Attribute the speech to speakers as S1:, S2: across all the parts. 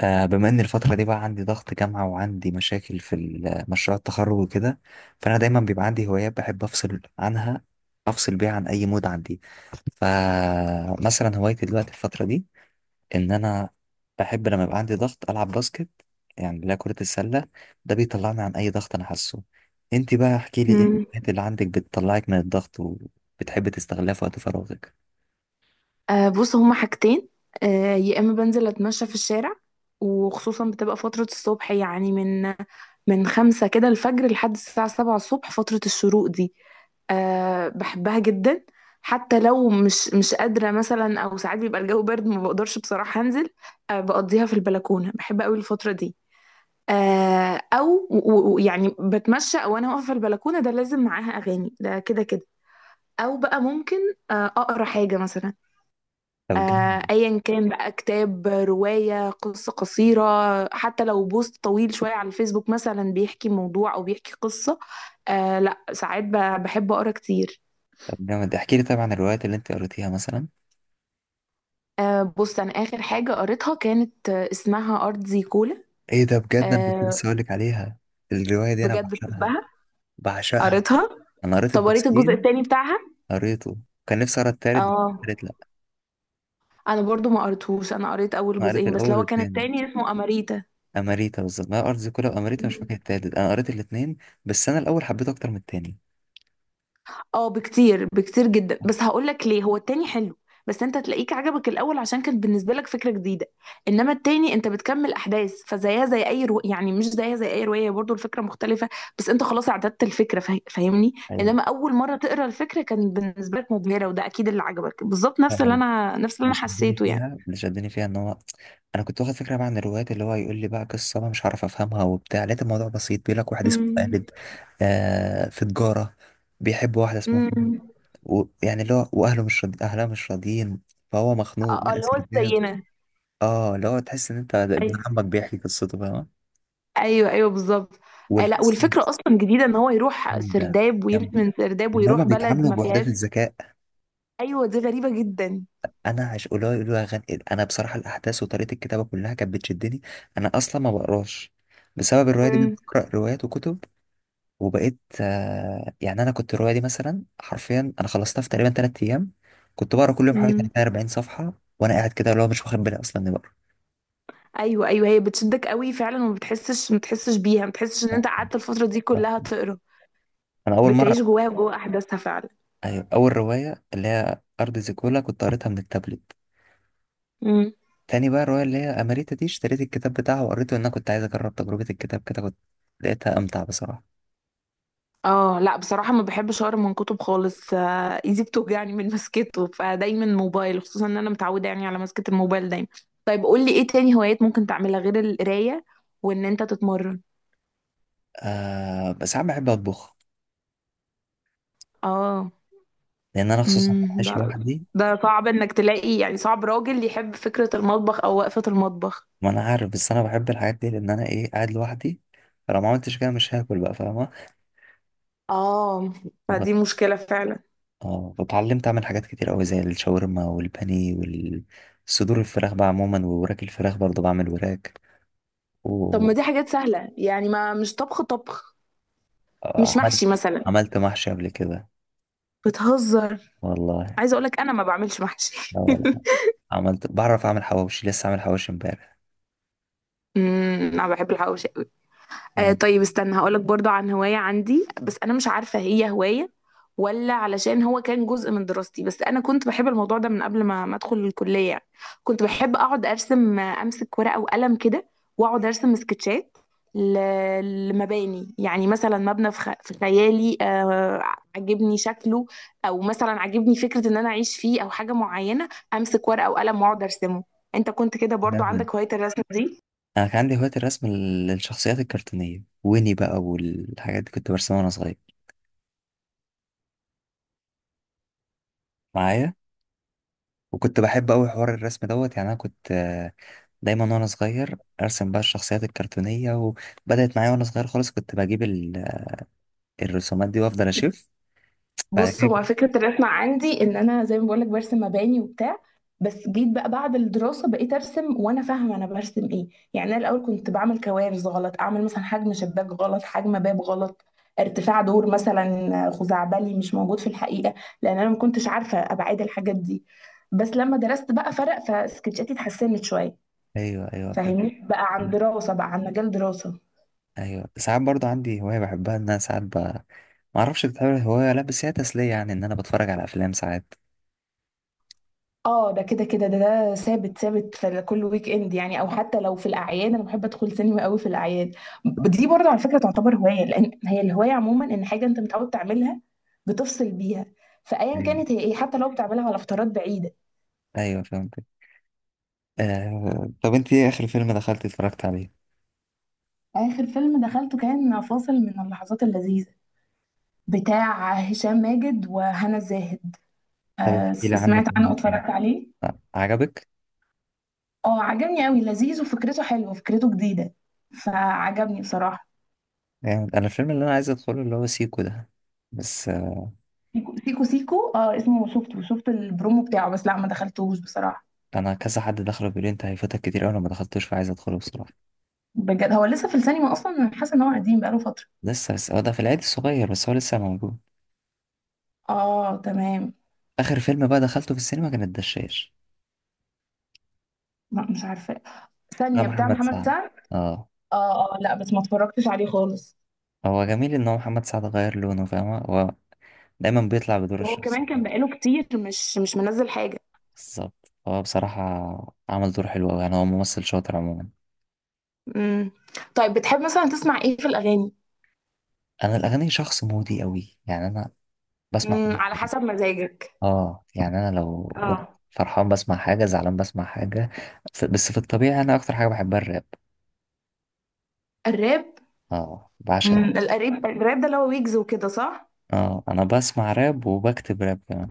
S1: بما ان الفترة دي بقى عندي ضغط جامعة وعندي مشاكل في مشروع التخرج وكده. فانا دايما بيبقى عندي هوايات بحب افصل بيها عن اي مود عندي. فمثلا هوايتي دلوقتي الفترة دي ان انا بحب لما يبقى عندي ضغط العب باسكت، يعني اللي هي كرة السلة. ده بيطلعني عن اي ضغط انا حاسه. انت بقى احكي لي ايه
S2: مم.
S1: الهوايات اللي عندك بتطلعك من الضغط وبتحب تستغلها في وقت فراغك؟
S2: بص، هما حاجتين. يا اما بنزل اتمشى في الشارع، وخصوصا بتبقى فترة الصبح، يعني من 5 كده الفجر لحد الساعة 7 الصبح، فترة الشروق دي. بحبها جدا. حتى لو مش قادرة مثلا، او ساعات بيبقى الجو برد ما بقدرش بصراحة انزل. بقضيها في البلكونة، بحب قوي الفترة دي. يعني بتمشى او انا واقفة في البلكونة، ده لازم معاها اغاني، ده كده كده. او بقى ممكن اقرا حاجة مثلا.
S1: طب جامد.
S2: ايا كان بقى كتاب، رواية، قصة قصيرة، حتى لو بوست طويل شوية على الفيسبوك مثلا بيحكي موضوع او بيحكي قصة. لا، ساعات بحب اقرا كتير.
S1: احكي لي طبعا الروايات اللي انت قريتيها مثلا.
S2: بص، انا اخر حاجة قريتها كانت، اسمها ارض زي كولا.
S1: ايه ده، بجد انا كنت
S2: آه
S1: لسه هقولك عليها. الرواية دي انا
S2: بجد
S1: بعشقها.
S2: بحبها.
S1: بعشقها.
S2: قريتها.
S1: انا قريت
S2: طب قريت الجزء
S1: الجزئين.
S2: التاني بتاعها؟
S1: قريته. كان نفسي اقرا التالت بس.
S2: اه،
S1: قريت لا.
S2: انا برضو ما قريتهوش، انا قريت اول
S1: انا قريت
S2: جزئين بس، اللي
S1: الاول
S2: هو كان
S1: والتاني.
S2: التاني اسمه اماريتا.
S1: اماريتا، بالظبط، ما هي ارض كلها واماريتا، مش فاكر التالت، انا قريت الاتنين. بس انا الاول حبيته اكتر من التاني.
S2: اه بكتير، بكتير جدا. بس هقول لك ليه، هو التاني حلو، بس انت تلاقيك عجبك الاول عشان كانت بالنسبه لك فكره جديده. انما التاني انت بتكمل احداث، فزيها زي اي يعني مش زيها زي اي روايه، برضو الفكره مختلفه، بس انت خلاص اعتدت الفكره، فاهمني؟
S1: ايوه،
S2: انما اول مره تقرا الفكره كان بالنسبه لك مبهره، وده اكيد اللي عجبك، بالظبط نفس اللي
S1: فأنا
S2: انا نفس اللي انا حسيته يعني.
S1: اللي شدني فيها ان هو انا كنت واخد فكره بقى عن الروايات، اللي هو يقول لي بقى قصه انا مش عارف افهمها وبتاع، لقيت الموضوع بسيط، بيقول لك واحد اسمه
S2: امم.
S1: خالد، في تجاره، بيحب واحده اسمها
S2: امم.
S1: يعني، اللي هو واهله مش راضي... اهلها مش راضيين، فهو مخنوق
S2: اه،
S1: بقى
S2: اللي هو
S1: سرداب.
S2: زينا.
S1: اه، اللي هو تحس ان انت ده ابن
S2: ايوه.
S1: عمك بيحكي قصته، فاهم؟
S2: ايوه، ايوه، بالظبط. لا،
S1: والقصه
S2: والفكره اصلا جديده، ان هو يروح
S1: جامده،
S2: سرداب ويمشي
S1: جامده.
S2: من سرداب
S1: وان هما
S2: ويروح بلد
S1: بيتعاملوا
S2: ما
S1: بوحدات
S2: فيهاش.
S1: الذكاء.
S2: ايوه، دي غريبة جدا.
S1: انا عش قولوا يقولوا يا غن... انا بصراحه الاحداث وطريقه الكتابه كلها كانت بتشدني. انا اصلا ما بقراش، بسبب الروايه دي
S2: امم.
S1: بقرا روايات وكتب. وبقيت يعني، انا كنت الروايه دي مثلا حرفيا انا خلصتها في تقريبا 3 ايام. كنت بقرا كل يوم حوالي
S2: امم.
S1: 30 40 صفحه، وانا قاعد كده اللي هو مش واخد بالي اصلا اني
S2: ايوه، ايوه، هي بتشدك قوي فعلا، وما بتحسش ما بتحسش بيها، ما بتحسش ان انت
S1: بقرا.
S2: قعدت الفترة دي كلها تقرا.
S1: انا اول
S2: بتعيش
S1: مره.
S2: جواها، جوا احداثها فعلا.
S1: ايوه، اول روايه اللي هي ارض زيكولا كنت قريتها من التابلت.
S2: امم.
S1: تاني بقى الروايه اللي هي اماريتا دي اشتريت الكتاب بتاعها وقريته، لان انا كنت عايز اجرب تجربه الكتاب كده، كنت لقيتها امتع بصراحه.
S2: اه لا، بصراحة ما بحبش اقرا من كتب خالص، ايدي بتوجعني من مسكته، فدايما موبايل، خصوصا ان انا متعودة يعني على مسكة الموبايل دايما. طيب قول لي ايه تاني هوايات ممكن تعملها غير القراية، وان انت تتمرن؟
S1: بس انا بحب اطبخ،
S2: اه.
S1: لان انا خصوصا
S2: امم،
S1: عايش
S2: ده
S1: لوحدي.
S2: ده صعب انك تلاقي، يعني صعب راجل يحب فكرة المطبخ او وقفة المطبخ.
S1: ما انا عارف، بس انا بحب الحاجات دي لان انا ايه، قاعد لوحدي. فلو ما عملتش كده مش هاكل بقى، فاهمه؟
S2: اه،
S1: فب-
S2: فدي مشكلة فعلا.
S1: اه، فاتعلمت اعمل حاجات كتير قوي زي الشاورما والبانيه والصدور الفراخ بقى عموما، ووراك الفراخ برضه بعمل وراك.
S2: طب ما دي حاجات سهلة يعني، ما مش طبخ طبخ.
S1: آه،
S2: مش
S1: عملت
S2: محشي مثلا؟
S1: عملت محشي قبل كده.
S2: بتهزر.
S1: والله.
S2: عايزة اقولك انا ما بعملش محشي.
S1: لا والله. عملت، بعرف اعمل حواوشي، لسه عامل حواوشي امبارح.
S2: امم، انا بحب الحواوشي.
S1: آه،
S2: طيب استنى هقولك برضو عن هواية عندي، بس أنا مش عارفة هي هواية ولا علشان هو كان جزء من دراستي، بس أنا كنت بحب الموضوع ده من قبل ما أدخل الكلية يعني. كنت بحب أقعد أرسم، أمسك ورقة وقلم كده، وأقعد أرسم سكتشات لمباني، يعني مثلا مبنى في خيالي، عجبني شكله، أو مثلا عجبني فكرة إن أنا أعيش فيه أو حاجة معينة، أمسك ورقة وقلم وأقعد أرسمه. أنت كنت كده برضو
S1: جامد.
S2: عندك هواية الرسم دي؟
S1: انا كان عندي هواية الرسم للشخصيات الكرتونية، ويني بقى والحاجات دي كنت برسمها وانا صغير معايا. وكنت بحب قوي حوار الرسم دوت، يعني انا كنت دايما وانا صغير ارسم بقى الشخصيات الكرتونية، وبدأت معايا وانا صغير خالص كنت بجيب الرسومات دي وافضل اشوف. بعد
S2: بص،
S1: كده
S2: هو
S1: كبرت.
S2: فكرة الرسم عندي ان انا زي ما بقولك برسم مباني وبتاع، بس جيت بقى بعد الدراسة بقيت ارسم وانا فاهمة انا برسم ايه. يعني انا الاول كنت بعمل كوارث، غلط، اعمل مثلا حجم شباك غلط، حجم باب غلط، ارتفاع دور مثلا خزعبلي مش موجود في الحقيقة، لان انا ما كنتش عارفة ابعاد الحاجات دي. بس لما درست بقى فرق، فسكتشاتي اتحسنت شوية.
S1: ايوه ايوه فهمت.
S2: فاهمني، بقى عن دراسة، بقى عن مجال دراسة.
S1: ايوه، ساعات برضو عندي هوايه بحبها ان انا ساعات ما اعرفش بتعمل هوايه ولا لا، بس هي تسليه، يعني ان انا بتفرج على افلام ساعات.
S2: اه، ده كده كده، ده ثابت ثابت في كل ويك اند يعني، او حتى لو في الاعياد، انا بحب ادخل سينما قوي في الاعياد. دي برضه على فكره تعتبر هوايه، لان هي الهوايه عموما ان حاجه انت متعود تعملها بتفصل بيها، فايا
S1: ايوه
S2: كانت هي ايه، حتى لو بتعملها على فترات بعيده.
S1: ايوه فهمت. طب انت ايه اخر فيلم دخلت اتفرجت عليه؟
S2: اخر فيلم دخلته كان فاصل من اللحظات اللذيذه، بتاع هشام ماجد وهنا الزاهد.
S1: طب احكي لي عنه
S2: سمعت
S1: كده
S2: عنه
S1: مثلا.
S2: واتفرجت عليه.
S1: عجبك؟
S2: اه، عجبني قوي، لذيذ، وفكرته حلوه، فكرته جديده، فعجبني بصراحه.
S1: جامد. انا الفيلم اللي انا عايز ادخله اللي هو سيكو ده، بس
S2: سيكو، سيكو، سيكو، اه اسمه، شفت البرومو بتاعه بس، لا ما دخلتوش بصراحة.
S1: انا كذا حد دخله بيقول لي انت هيفوتك كتير اوي، انا ما دخلتوش فعايز ادخله بصراحه.
S2: بجد؟ هو لسه في السينما اصلا؟ انا حاسة ان هو قديم بقاله فترة.
S1: لسه، بس هو ده في العيد الصغير، بس هو لسه موجود.
S2: اه تمام.
S1: اخر فيلم بقى دخلته في السينما كان الدشاش.
S2: لا مش عارفة.
S1: ده
S2: ثانية، بتاع
S1: محمد
S2: محمد
S1: سعد.
S2: سعد؟
S1: اه.
S2: اه، اه لا، بس ما اتفرجتش عليه خالص.
S1: هو جميل ان هو محمد سعد غير لونه، فاهمة؟ هو دايما بيطلع بدور
S2: وهو
S1: الشخص.
S2: كمان كان بقاله كتير مش منزل حاجة.
S1: بالظبط، هو بصراحة عمل دور حلو أوي، يعني هو ممثل شاطر عموما.
S2: امم. طيب بتحب مثلا تسمع ايه في الأغاني؟
S1: أنا الأغاني شخص مودي أوي، يعني أنا بسمع كل
S2: امم، على
S1: حاجة.
S2: حسب مزاجك.
S1: اه يعني، أنا لو
S2: اه.
S1: فرحان بسمع حاجة، زعلان بسمع حاجة. بس في الطبيعي أنا أكتر حاجة بحبها الراب.
S2: الراب.
S1: اه بعشق.
S2: امم، الراب ده اللي هو ويجز وكده، صح؟
S1: اه، أنا بسمع راب وبكتب راب كمان.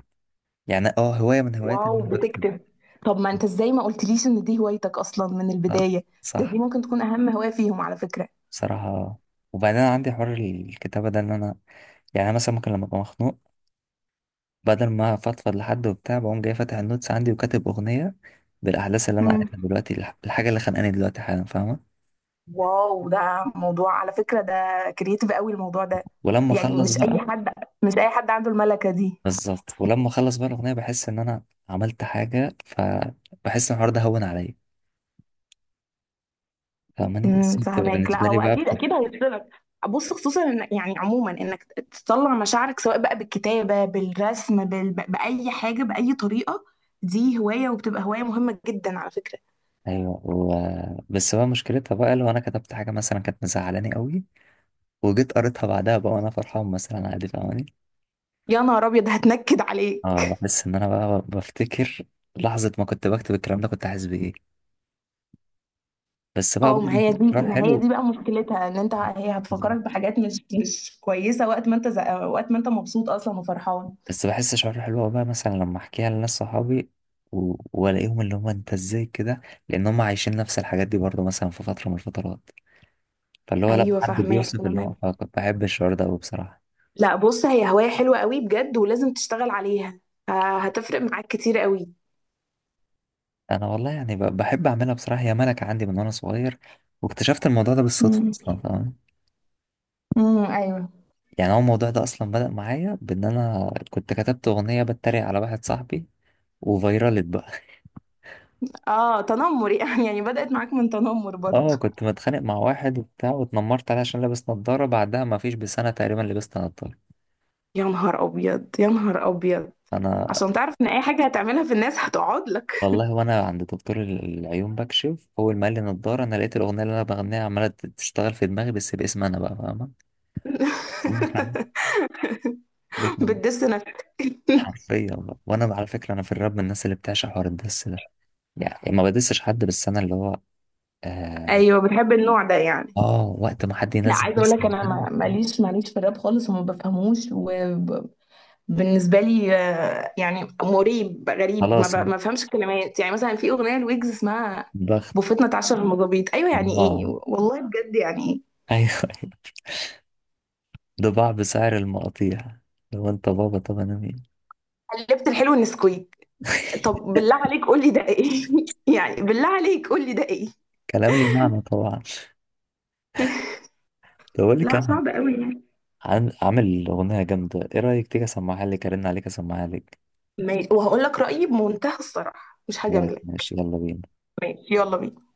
S1: يعني اه، هواية من هواياتي إن
S2: واو،
S1: أنا بكتب.
S2: بتكتب؟ طب ما انت ازاي ما قلتليش ان دي هوايتك اصلا من
S1: صح،
S2: البداية؟ دي
S1: صح.
S2: ممكن تكون اهم هواية فيهم على فكرة.
S1: بصراحة وبعدين أنا عندي حوار الكتابة ده، إن أنا يعني أنا مثلا ممكن لما أبقى مخنوق بدل ما أفضفض لحد وبتاع، بقوم جاي فاتح النوتس عندي وكاتب أغنية بالأحداث اللي أنا
S2: امم.
S1: قاعدها دلوقتي، الحاجة اللي خانقاني دلوقتي حالا، فاهمة؟
S2: واو، ده موضوع على فكرة ده، كرييتيف قوي الموضوع ده.
S1: ولما
S2: يعني
S1: أخلص
S2: مش
S1: بقى.
S2: اي حد، مش اي حد عنده الملكة دي.
S1: بالظبط، ولما أخلص بقى الأغنية بحس إن أنا عملت حاجة، فبحس إن الحوار ده هون عليا، فاهماني؟
S2: امم،
S1: بس هي بتبقى
S2: فهماك. لا،
S1: بالنسبة
S2: هو
S1: لي بقى
S2: اكيد
S1: بتبقى.
S2: اكيد هيفصلك. بص، خصوصا إن يعني عموما انك تطلع مشاعرك سواء بقى بالكتابة، بالرسم، بأي حاجة بأي طريقة، دي هواية وبتبقى هواية مهمة جدا على فكرة.
S1: أيوه بس بقى مشكلتها بقى لو أنا كتبت حاجة مثلا كانت مزعلاني قوي، وجيت قريتها بعدها بقى وأنا فرحان مثلا، عادي، فاهماني؟
S2: يا نهار ابيض، هتنكد
S1: اه،
S2: عليك.
S1: بحس إن أنا بقى بفتكر لحظة ما كنت بكتب الكلام ده كنت حاسس بإيه. بس بقى
S2: اه، ما
S1: برضه
S2: هي دي
S1: شعور
S2: ما هي
S1: حلو.
S2: دي بقى مشكلتها، ان انت هي هتفكرك بحاجات مش كويسه وقت ما انت مبسوط اصلا وفرحان.
S1: بس بحس شعور حلو أوي بقى، مثلا لما احكيها لناس صحابي والاقيهم اللي هم انت ازاي كده، لان هم عايشين نفس الحاجات دي برضه مثلا في فتره من الفترات. فاللي هو لما
S2: ايوه
S1: حد
S2: فاهماك
S1: بيوصف اللي هو،
S2: تمام.
S1: فكنت بحب الشعور ده قوي بصراحه.
S2: لا بص، هي هوايه حلوه قوي بجد، ولازم تشتغل عليها، هتفرق معاك كتير قوي.
S1: انا والله يعني بحب اعملها بصراحه، هي ملكه عندي من وانا صغير. واكتشفت الموضوع ده بالصدفه
S2: امم.
S1: اصلا، فاهم؟
S2: امم. ايوه.
S1: يعني هو الموضوع ده اصلا بدأ معايا بان انا كنت كتبت اغنيه بتريق على واحد صاحبي، وفيرالت بقى.
S2: اه، تنمر يعني بدأت معاك من تنمر برضه.
S1: اه، كنت متخانق مع واحد وبتاع واتنمرت عليه عشان لابس نظارة. بعدها ما فيش بسنة تقريبا لبست نظارة
S2: يا نهار ابيض، يا نهار ابيض،
S1: انا.
S2: عشان تعرف ان اي حاجه هتعملها في الناس هتقعد لك.
S1: والله، وانا عند دكتور العيون بكشف، اول ما قال لي نظارة انا لقيت الاغنية اللي انا بغنيها عمالة تشتغل في دماغي، بس باسم انا بقى، فاهمة؟ ومقنعة. دي كان
S2: بتدس نفسك.
S1: حرفيا بقى. وانا على فكرة انا في الراب من الناس اللي بتعشق حوار الدس ده، يعني ما بدسش حد، بس انا اللي هو، اه،
S2: ايوه، بتحب النوع ده يعني.
S1: وقت ما حد
S2: لا،
S1: ينزل
S2: عايزه اقول
S1: دس
S2: لك
S1: عن
S2: انا
S1: حد.
S2: ماليش، ماليش في الراب خالص وما بفهموش. وبالنسبه لي، يعني مريب غريب،
S1: خلاص.
S2: ما بفهمش الكلمات. يعني مثلا في اغنيه لويجز اسمها
S1: ضغط.
S2: "بوفتنا اتعشر المظابيط"، ايوه، يعني
S1: اه
S2: ايه والله؟ بجد يعني ايه؟
S1: ايوه. ده باع بسعر المقاطيع، لو انت بابا طب انا مين.
S2: "قلبت الحلو النسكويك"، طب بالله عليك قول لي ده ايه؟ يعني بالله عليك قول لي ده ايه؟
S1: كلام لي معنى طبعا، ده بقول لك
S2: لا
S1: انا
S2: صعب قوي يعني.
S1: عامل اغنيه جامده. ايه رايك تيجي اسمعها لك، ارن عليك اسمعها لك؟
S2: ماشي، وهقول لك رايي بمنتهى الصراحه، مش
S1: خلاص
S2: هجاملك.
S1: ماشي، يلا بينا.
S2: ماشي، يلا بينا.